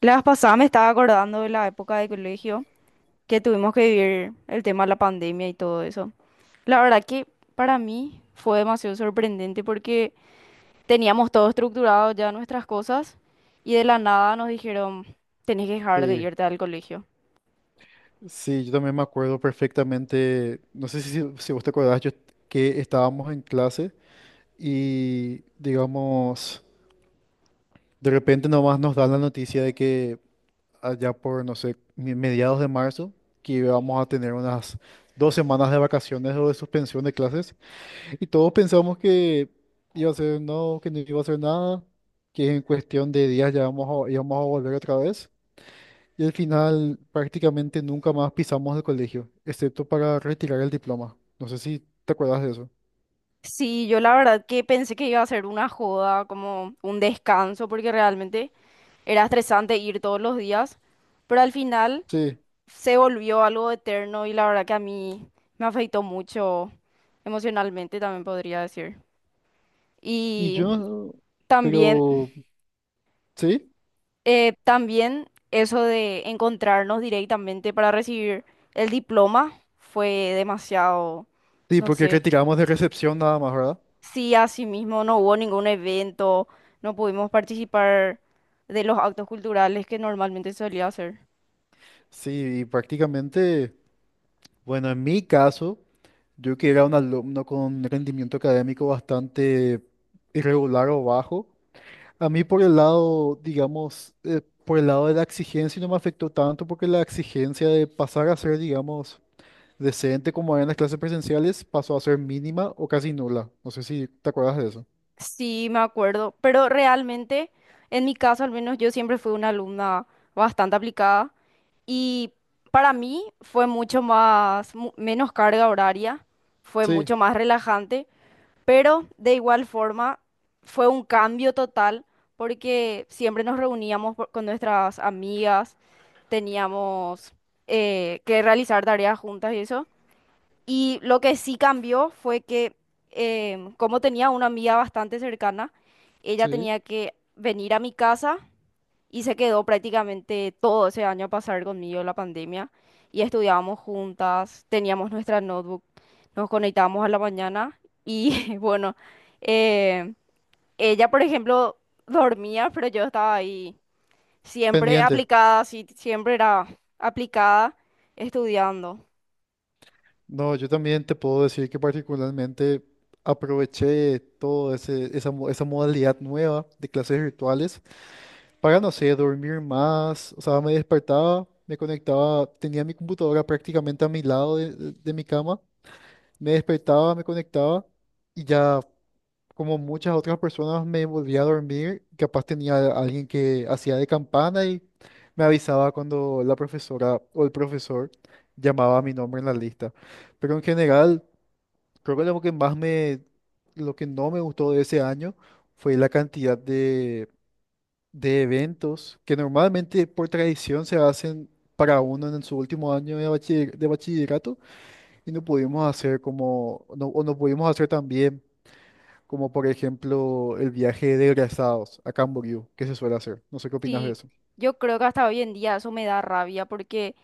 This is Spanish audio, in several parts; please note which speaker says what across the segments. Speaker 1: La vez pasada me estaba acordando de la época de colegio que tuvimos que vivir el tema de la pandemia y todo eso. La verdad que para mí fue demasiado sorprendente porque teníamos todo estructurado ya nuestras cosas y de la nada nos dijeron, tenés que dejar de
Speaker 2: Sí,
Speaker 1: irte al colegio.
Speaker 2: sí, yo también me acuerdo perfectamente, no sé si vos te acordás, yo, que estábamos en clase y, digamos, de repente nomás nos dan la noticia de que allá por, no sé, mediados de marzo, que íbamos a tener unas 2 semanas de vacaciones o de suspensión de clases y todos pensamos que iba a ser no, que no iba a ser nada, que en cuestión de días ya íbamos a volver otra vez. Y al final prácticamente nunca más pisamos el colegio, excepto para retirar el diploma. No sé si te acuerdas de eso.
Speaker 1: Sí, yo la verdad que pensé que iba a ser una joda, como un descanso, porque realmente era estresante ir todos los días, pero al final
Speaker 2: Sí.
Speaker 1: se volvió algo eterno y la verdad que a mí me afectó mucho emocionalmente, también podría decir.
Speaker 2: Y
Speaker 1: Y
Speaker 2: yo,
Speaker 1: también,
Speaker 2: pero, ¿sí?
Speaker 1: eh, también eso de encontrarnos directamente para recibir el diploma fue demasiado,
Speaker 2: Sí,
Speaker 1: no
Speaker 2: porque
Speaker 1: sé,
Speaker 2: retiramos de recepción nada más, ¿verdad?
Speaker 1: sí, así mismo no hubo ningún evento, no pudimos participar de los actos culturales que normalmente solía hacer.
Speaker 2: Sí, y prácticamente, bueno, en mi caso, yo que era un alumno con rendimiento académico bastante irregular o bajo, a mí por el lado, digamos, por el lado de la exigencia no me afectó tanto porque la exigencia de pasar a ser, digamos, decente como había en las clases presenciales pasó a ser mínima o casi nula. No sé si te acuerdas de eso.
Speaker 1: Sí, me acuerdo, pero realmente, en mi caso al menos, yo siempre fui una alumna bastante aplicada y para mí fue mucho más, menos carga horaria, fue
Speaker 2: Sí,
Speaker 1: mucho más relajante, pero de igual forma fue un cambio total porque siempre nos reuníamos con nuestras amigas, teníamos que realizar tareas juntas y eso, y lo que sí cambió fue que, como tenía una amiga bastante cercana, ella
Speaker 2: sí.
Speaker 1: tenía que venir a mi casa y se quedó prácticamente todo ese año a pasar conmigo la pandemia. Y estudiábamos juntas, teníamos nuestra notebook, nos conectábamos a la mañana y bueno, em, ella, por ejemplo, dormía, pero yo estaba ahí siempre
Speaker 2: Pendiente.
Speaker 1: aplicada, sí, siempre era aplicada estudiando.
Speaker 2: No, yo también te puedo decir que particularmente aproveché todo ese, esa, mo- esa modalidad nueva de clases virtuales para, no sé, dormir más. O sea, me despertaba, me conectaba, tenía mi computadora prácticamente a mi lado de mi cama, me despertaba, me conectaba y ya como muchas otras personas me volvía a dormir, capaz tenía a alguien que hacía de campana y me avisaba cuando la profesora o el profesor llamaba mi nombre en la lista. Pero en general, creo que lo que no me gustó de ese año fue la cantidad de eventos que normalmente por tradición se hacen para uno en su último año de bachillerato y no pudimos hacer como, no, o no pudimos hacer también como por ejemplo el viaje de egresados a Camboriú, que se suele hacer. No sé qué opinas de
Speaker 1: Sí,
Speaker 2: eso.
Speaker 1: yo creo que hasta hoy en día eso me da rabia porque,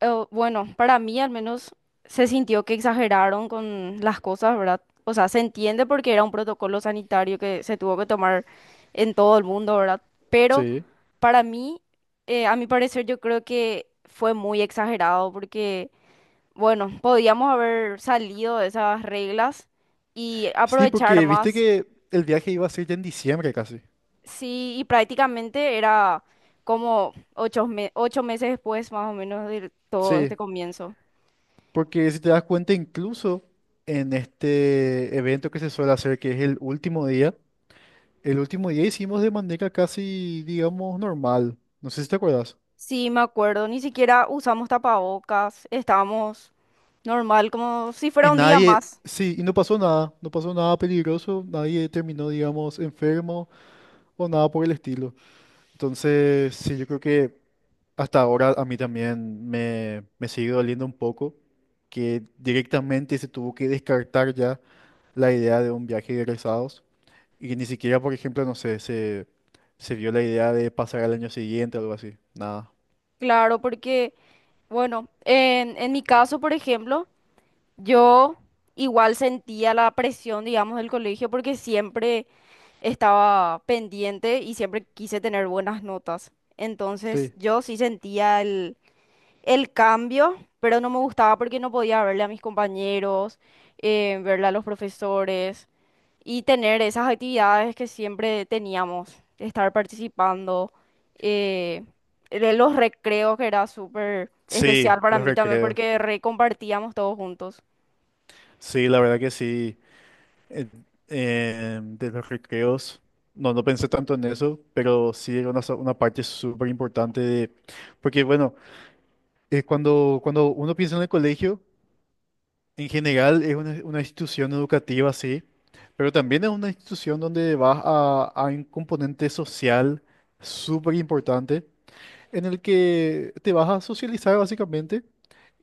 Speaker 1: bueno, para mí al menos se sintió que exageraron con las cosas, ¿verdad? O sea, se entiende porque era un protocolo sanitario que se tuvo que tomar en todo el mundo, ¿verdad? Pero
Speaker 2: Sí,
Speaker 1: para mí, a mi parecer, yo creo que fue muy exagerado porque, bueno, podíamos haber salido de esas reglas y
Speaker 2: sí,
Speaker 1: aprovechar
Speaker 2: porque viste
Speaker 1: más.
Speaker 2: que el viaje iba a ser ya en diciembre casi.
Speaker 1: Sí, y prácticamente era como ocho meses después más o menos de todo
Speaker 2: Sí,
Speaker 1: este comienzo.
Speaker 2: porque si te das cuenta, incluso en este evento que se suele hacer, que es el último día hicimos de manera casi, digamos, normal. No sé si te acuerdas.
Speaker 1: Sí, me acuerdo, ni siquiera usamos tapabocas, estábamos normal, como si fuera
Speaker 2: Y
Speaker 1: un día
Speaker 2: nadie,
Speaker 1: más.
Speaker 2: sí, y no pasó nada, no pasó nada peligroso, nadie terminó, digamos, enfermo o nada por el estilo. Entonces, sí, yo creo que hasta ahora a mí también me sigue doliendo un poco que directamente se tuvo que descartar ya la idea de un viaje de egresados y ni siquiera, por ejemplo, no sé, se vio la idea de pasar al año siguiente o algo así. Nada.
Speaker 1: Claro, porque, bueno, en mi caso, por ejemplo, yo igual sentía la presión, digamos, del colegio porque siempre estaba pendiente y siempre quise tener buenas notas. Entonces,
Speaker 2: Sí.
Speaker 1: yo sí sentía el cambio, pero no me gustaba porque no podía verle a mis compañeros, verle a los profesores y tener esas actividades que siempre teníamos, estar participando, eh, de los recreos que era súper especial
Speaker 2: Sí,
Speaker 1: para
Speaker 2: los
Speaker 1: mí también
Speaker 2: recreos.
Speaker 1: porque recompartíamos todos juntos.
Speaker 2: Sí, la verdad que sí. Eh, de los recreos, no pensé tanto en eso, pero sí era una parte súper importante de... Porque bueno... cuando uno piensa en el colegio, en general es una institución educativa, sí, pero también es una institución donde vas a un componente social súper importante, en el que te vas a socializar básicamente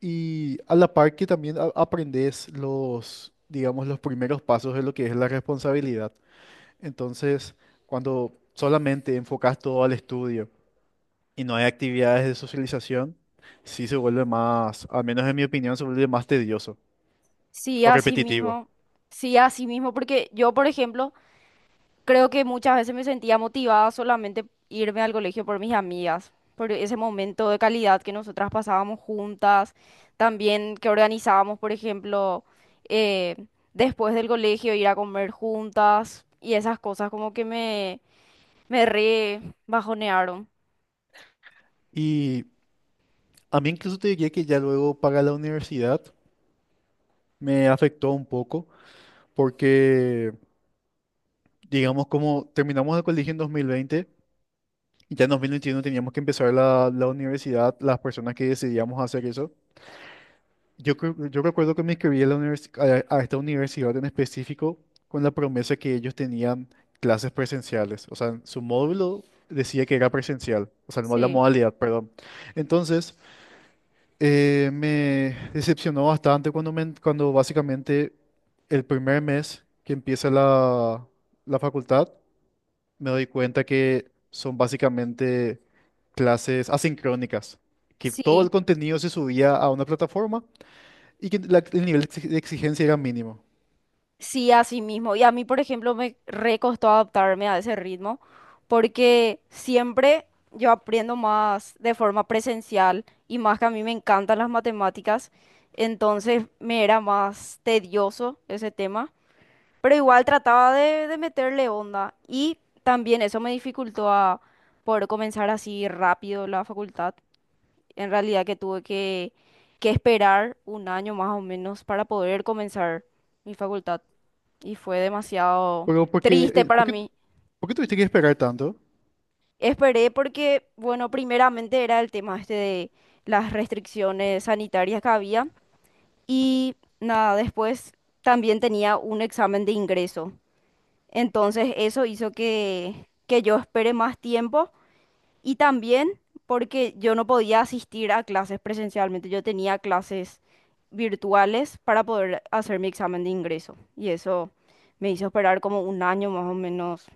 Speaker 2: y a la par que también aprendes los, digamos, los primeros pasos de lo que es la responsabilidad. Entonces, cuando solamente enfocas todo al estudio, y no hay actividades de socialización, sí se vuelve más, al menos en mi opinión, se vuelve más tedioso
Speaker 1: Sí,
Speaker 2: o
Speaker 1: así
Speaker 2: repetitivo.
Speaker 1: mismo, sí, así mismo, porque yo, por ejemplo, creo que muchas veces me sentía motivada solamente irme al colegio por mis amigas, por ese momento de calidad que nosotras pasábamos juntas, también que organizábamos, por ejemplo, eh, después del colegio ir a comer juntas y esas cosas como que me re bajonearon.
Speaker 2: Y a mí incluso te diría que ya luego para la universidad me afectó un poco porque, digamos, como terminamos el colegio en 2020, ya en 2021 teníamos que empezar la universidad, las personas que decidíamos hacer eso. Yo recuerdo que me inscribí a, a esta universidad en específico con la promesa que ellos tenían clases presenciales. O sea, su módulo decía que era presencial, o sea, la
Speaker 1: Sí.
Speaker 2: modalidad, perdón. Entonces, me decepcionó bastante cuando básicamente el primer mes que empieza la facultad, me doy cuenta que son básicamente clases asincrónicas, que todo
Speaker 1: Sí.
Speaker 2: el contenido se subía a una plataforma y que la- el nivel de exig- de exigencia era mínimo.
Speaker 1: Sí, así mismo. Y a mí, por ejemplo, me re costó adaptarme a ese ritmo porque siempre yo aprendo más de forma presencial y más que a mí me encantan las matemáticas, entonces me era más tedioso ese tema, pero igual trataba de meterle onda y también eso me dificultó a poder comenzar así rápido la facultad. En realidad que tuve que, esperar un año más o menos para poder comenzar mi facultad y fue demasiado
Speaker 2: Pero ¿por qué,
Speaker 1: triste
Speaker 2: eh,
Speaker 1: para
Speaker 2: por qué,
Speaker 1: mí.
Speaker 2: por qué tuviste que esperar tanto?
Speaker 1: Esperé porque, bueno, primeramente era el tema este de las restricciones sanitarias que había y nada, después también tenía un examen de ingreso. Entonces eso hizo que yo espere más tiempo. Y también porque yo no podía asistir a clases presencialmente, yo tenía clases virtuales para poder hacer mi examen de ingreso. Y eso me hizo esperar como un año más o menos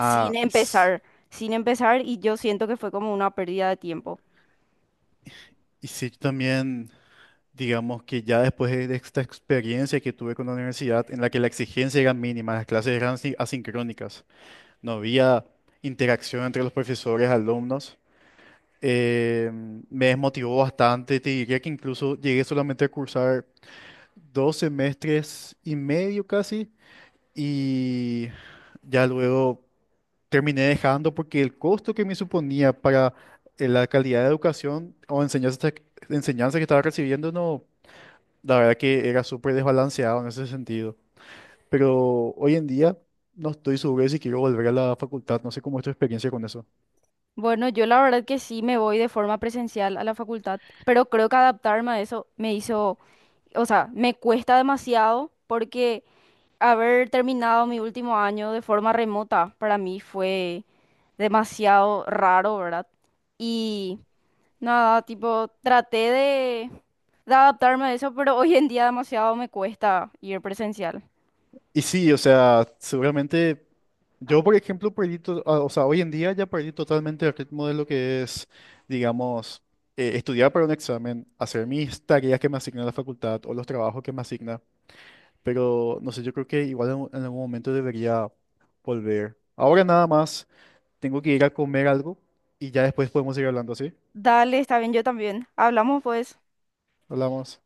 Speaker 1: sin
Speaker 2: y, s-
Speaker 1: empezar, sin empezar y yo siento que fue como una pérdida de tiempo.
Speaker 2: y sí, yo también, digamos que ya después de esta experiencia que tuve con la universidad, en la que la exigencia era mínima, las clases eran asincrónicas, no había interacción entre los profesores, alumnos, eh, me desmotivó bastante, te diría que incluso llegué solamente a cursar 2 semestres y medio casi. Y ya luego terminé dejando porque el costo que me suponía para la calidad de educación o enseñanza que estaba recibiendo, no, la verdad que era súper desbalanceado en ese sentido. Pero hoy en día no estoy seguro de si quiero volver a la facultad, no sé cómo es tu experiencia con eso.
Speaker 1: Bueno, yo la verdad que sí me voy de forma presencial a la facultad, pero creo que adaptarme a eso me hizo, o sea, me cuesta demasiado porque haber terminado mi último año de forma remota para mí fue demasiado raro, ¿verdad? Y nada, tipo, traté de adaptarme a eso, pero hoy en día demasiado me cuesta ir presencial.
Speaker 2: Y sí, o sea, seguramente yo, por ejemplo, o sea, hoy en día ya perdí totalmente el ritmo de lo que es, digamos, estudiar para un examen, hacer mis tareas que me asigna la facultad o los trabajos que me asigna. Pero no sé, yo creo que igual en algún momento debería volver. Ahora nada más, tengo que ir a comer algo y ya después podemos ir hablando, ¿sí?
Speaker 1: Dale, está bien, yo también. Hablamos pues.
Speaker 2: Hablamos.